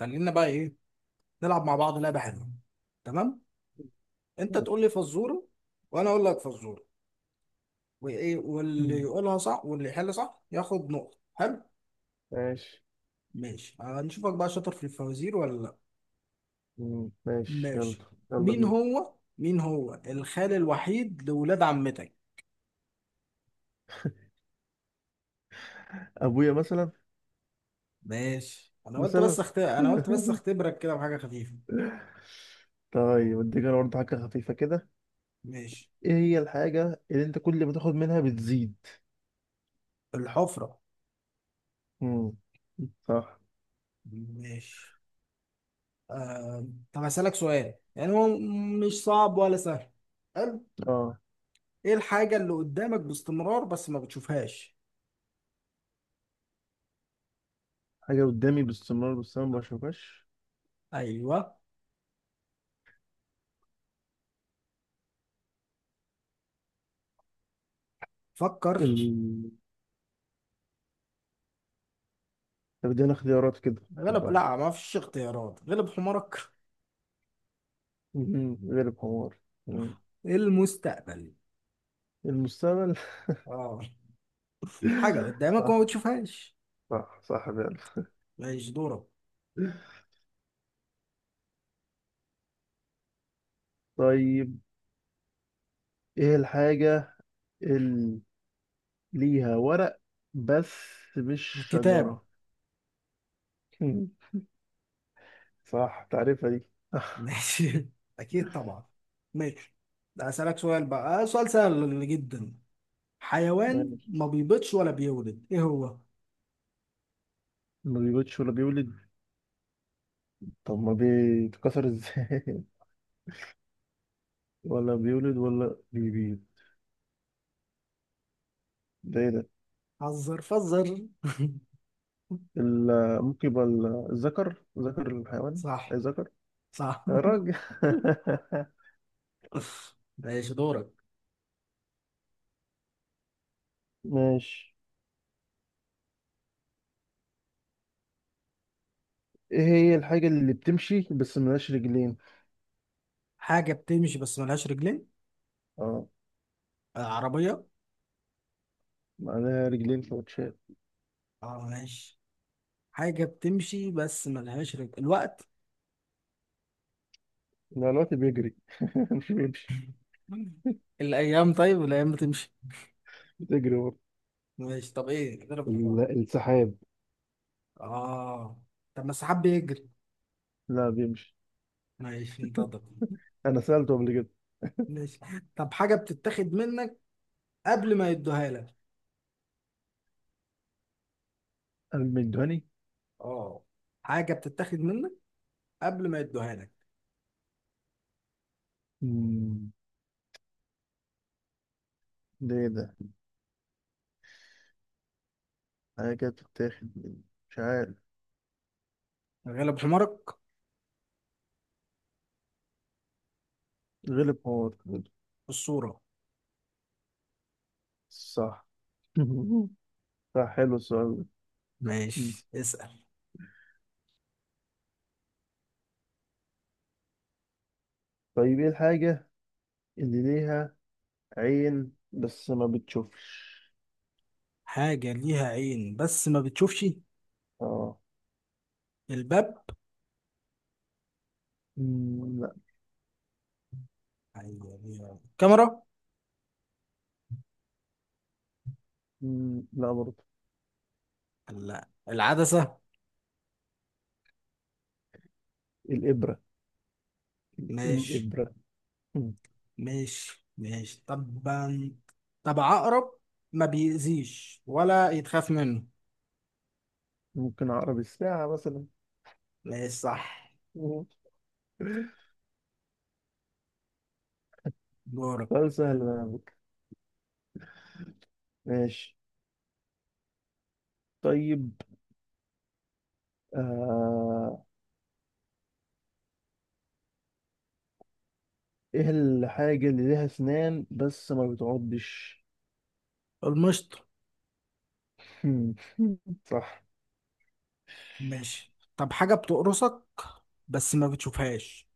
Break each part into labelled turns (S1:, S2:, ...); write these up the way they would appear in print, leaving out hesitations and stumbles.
S1: خلينا بقى ايه، نلعب مع بعض لعبه حلوه. تمام. انت تقول
S2: ماشي.
S1: لي فزوره وانا اقول لك فزوره. واللي
S2: مم.
S1: يقولها صح واللي يحل صح ياخد نقطه. حلو.
S2: ماشي.
S1: ماشي، هنشوفك بقى شاطر في الفوازير ولا لا؟
S2: ماشي، يلا.
S1: ماشي.
S2: يلا
S1: مين
S2: بينا.
S1: هو مين هو الخال الوحيد لولاد عمتك؟
S2: ابويا مثلا.
S1: ماشي،
S2: مثلا.
S1: انا قلت بس اختبرك كده بحاجه خفيفه.
S2: طيب، اديك انا برضه حاجه خفيفه كده.
S1: ماشي.
S2: ايه هي الحاجه اللي انت كل ما تاخد منها بتزيد؟
S1: الحفره.
S2: امم صح.
S1: ماشي. آه... طب هسألك سؤال، يعني هو مش صعب ولا سهل، حلو؟
S2: اه،
S1: ايه الحاجة اللي قدامك باستمرار بس ما بتشوفهاش؟
S2: حاجه قدامي باستمرار باستمرار ما بشوفهاش.
S1: ايوه. فكر.
S2: ال... طب ادينا اختيارات كده.
S1: غلب،
S2: والله.
S1: لا ما فيش اختيارات، غلب حمارك.
S2: غير الحمار. مم.
S1: المستقبل.
S2: المستقبل.
S1: اه، حاجة قدامك
S2: صح،
S1: وما بتشوفهاش.
S2: صح، صح فعلا.
S1: ماشي دورك.
S2: طيب، ايه الحاجه اللي ليها ورق بس مش
S1: الكتاب.
S2: شجرة؟ مم. صح، تعرفها دي؟ آه،
S1: ماشي، اكيد طبعا. ماشي. ده اسألك سؤال بقى، سؤال سهل جدا. حيوان
S2: ماشي.
S1: ما بيبيضش ولا بيولد ايه هو؟
S2: ما بيولدش ولا بيولد؟ طب ما بيتكسر ازاي؟ ولا بيولد ولا بيبيض. ده ايه ده؟
S1: حذر فذر.
S2: ممكن يبقى الذكر، ذكر الحيوان. اي
S1: صح
S2: ذكر.
S1: صح.
S2: يا راجل.
S1: ماشي دورك.
S2: ماشي. ايه هي الحاجة اللي بتمشي بس ملهاش رجلين؟
S1: حاجة بتمشي بس ملهاش رجلين.
S2: اه،
S1: عربية.
S2: معناها رجلين فوتشات.
S1: اه ماشي. حاجة بتمشي بس ملهاش رجل، الوقت.
S2: لا، الوقت بيجري. مش بيمشي.
S1: طيب الأيام بتمشي.
S2: بتجري برضه.
S1: ماشي، طب إيه؟ اضرب حمار.
S2: السحاب.
S1: اه. طب ما السحاب بيجري.
S2: لا، بيمشي.
S1: ماشي انتظر.
S2: انا سالته قبل كده.
S1: ماشي. طب حاجة بتتاخد منك قبل ما يدوها لك.
S2: قال المندهاني.
S1: اه. حاجة بتتاخد منك قبل ما يدوها لك.
S2: مم، ده ايه ده؟ حاجه كده بتتاخد مش عارف.
S1: غلب حمارك.
S2: غلب حمار.
S1: الصورة.
S2: صح. صح، حلو السؤال ده. مم.
S1: ماشي اسأل.
S2: طيب، ايه الحاجه اللي ليها عين بس ما بتشوفش؟
S1: حاجة ليها عين بس ما بتشوفش.
S2: اه.
S1: الباب.
S2: لا.
S1: أيوة، ليها عين. كاميرا.
S2: لا برضه.
S1: لا، العدسة.
S2: الابره.
S1: ماشي
S2: الابره. مم.
S1: ماشي ماشي طبعا. طب عقرب، ما بيأذيش ولا يتخاف منه.
S2: ممكن عقرب الساعه مثلا.
S1: ماشي صح.
S2: مم.
S1: دورك.
S2: سؤال سهل بقى. على فكرة. ماشي. طيب. آه ايه الحاجة اللي ليها اسنان بس ما بتعضش؟
S1: المشط.
S2: صح.
S1: ماشي، طب حاجة بتقرصك بس ما بتشوفهاش.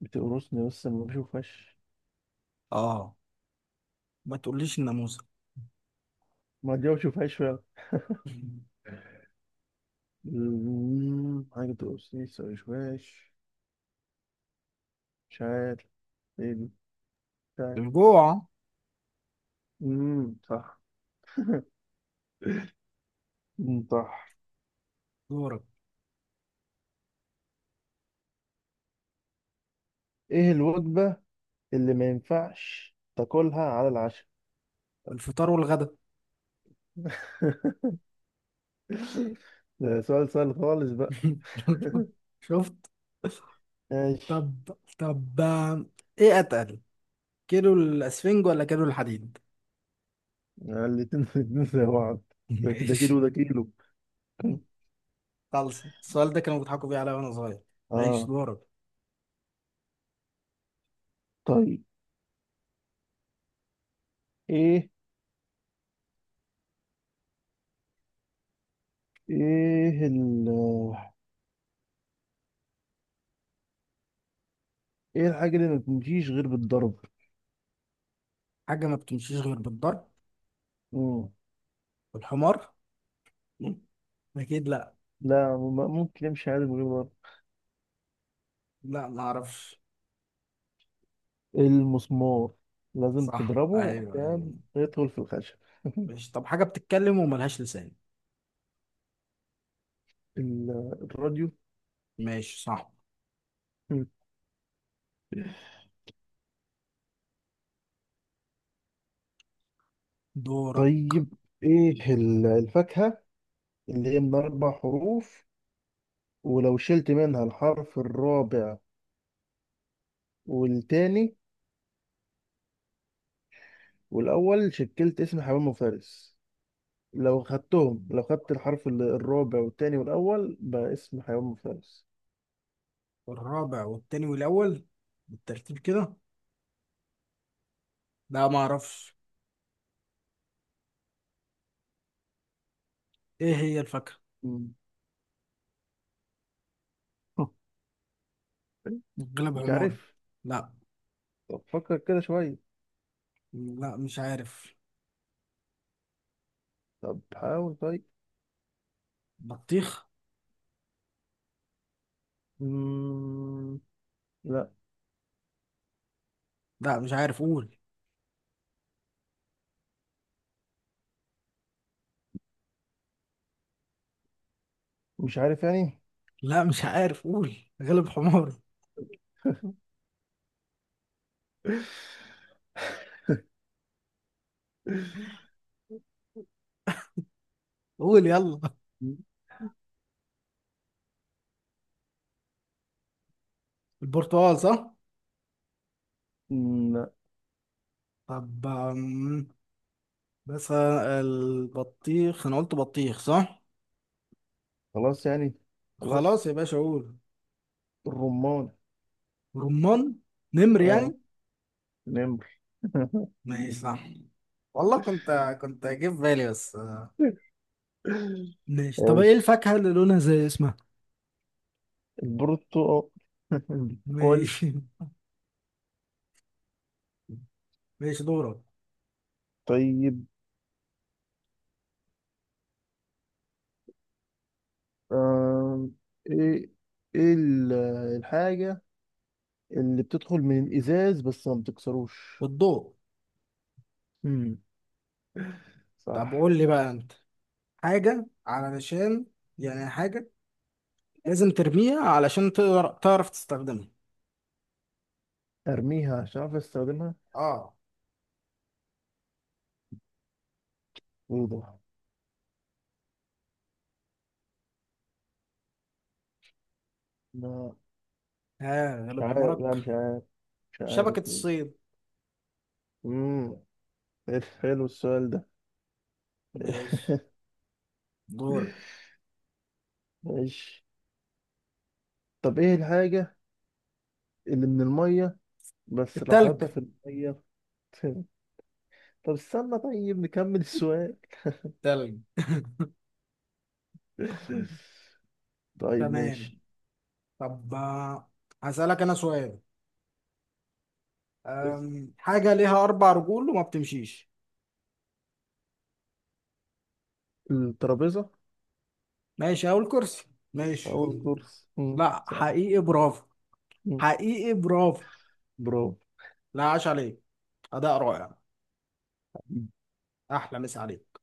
S2: بتقرصني بس ما بشوفهاش.
S1: اه. ما تقوليش الناموسة.
S2: ما دي ما بشوفهاش فعلا. حاجة بتقرصني بس ما بشوفهاش. مش عارف. ايه دي؟ مش عارف.
S1: الجوع.
S2: صح. صح.
S1: دورك.
S2: ايه الوجبة اللي ما ينفعش تاكلها على العشاء؟
S1: الفطار والغدا.
S2: ده سؤال سهل خالص بقى.
S1: شفت؟
S2: ماشي.
S1: طب، طب آه، ايه اتقل، كيلو الاسفنج ولا كيلو الحديد؟
S2: يعني الاتنين، الاتنين زي بعض. ده كده كيلو،
S1: ماشي.
S2: ده كيلو.
S1: خلص، السؤال ده كانوا بيضحكوا بيه عليا وانا صغير. ماشي
S2: اه.
S1: دورك.
S2: طيب، ايه ايه ال ايه الحاجة اللي ما بتمشيش غير بالضرب؟
S1: حاجة ما بتمشيش غير بالضرب.
S2: مم.
S1: والحمار. مم. أكيد لا.
S2: لا، ممكن يمشي عادي من غير ضرب.
S1: لا ما أعرفش.
S2: المسمار، لازم
S1: صح
S2: تضربه
S1: أيوه أيوه.
S2: عشان يدخل في الخشب.
S1: ماشي، طب حاجة بتتكلم وملهاش لسان.
S2: الراديو.
S1: ماشي صح.
S2: مم.
S1: دورك.
S2: طيب، ايه الفاكهة اللي هي من أربع حروف، ولو شلت منها الحرف الرابع والتاني والأول شكلت اسم حمام وفارس. لو خدتهم، لو خدت الحرف الرابع والتاني والأول بقى اسم حيوان مفترس.
S1: الرابع والتاني والأول، بالترتيب كده؟ لا ما أعرفش. إيه هي الفاكهة؟ الجلب
S2: مش
S1: حماري.
S2: عارف.
S1: لا.
S2: طب فكر كده شوية.
S1: لا مش عارف.
S2: طب حاول طيب.
S1: بطيخ.
S2: مم... لا.
S1: لا مش عارف، قول.
S2: مش عارف يعني.
S1: لا مش عارف، قول. غلب حماري. قول يلا. البرتقال صح؟
S2: لا.
S1: طب بس البطيخ انا قلت بطيخ صح.
S2: خلاص يعني.
S1: خلاص يا
S2: خلاص.
S1: باشا قول.
S2: الرمان.
S1: رمان. نمر
S2: اه،
S1: يعني.
S2: نمر.
S1: ماشي صح. والله، كنت جاي في بالي بس. ماشي، طب ايه
S2: ايش؟
S1: الفاكهة اللي لونها زي اسمها؟
S2: البرتقال. البرتقال.
S1: ماشي. ماشي دورك.
S2: طيب. آم... ايه ايه الحاجة اللي بتدخل من الإزاز بس ما بتكسروش؟
S1: والضوء.
S2: مم. صح.
S1: طب قول لي بقى انت، حاجة علشان يعني حاجة لازم ترميها علشان تقدر تعرف تستخدمها.
S2: ارميها عشان اعرف استخدمها.
S1: اه.
S2: وضوح. لا.
S1: ها،
S2: مش
S1: غلب
S2: عارف، لا
S1: حمارك.
S2: مش عارف. مش عارف
S1: شبكة
S2: ليه.
S1: الصيد.
S2: امم حلو السؤال ده.
S1: ماشي دورك.
S2: ماشي. طب، ايه الحاجة اللي من المية بس
S1: التلج.
S2: راحتها في المية؟ طب استنى، طيب نكمل السؤال.
S1: تلج.
S2: طيب
S1: تمام.
S2: ماشي.
S1: طب هسألك أنا سؤال، حاجة ليها أربع رجول وما بتمشيش.
S2: الترابيزة.
S1: ماشي أهو الكرسي.
S2: أول
S1: ماشي.
S2: كورس،
S1: لا
S2: صح.
S1: حقيقي برافو.
S2: مم،
S1: حقيقي برافو.
S2: برافو.
S1: لا عاش عليك. أداء رائع. أحلى مسا عليك.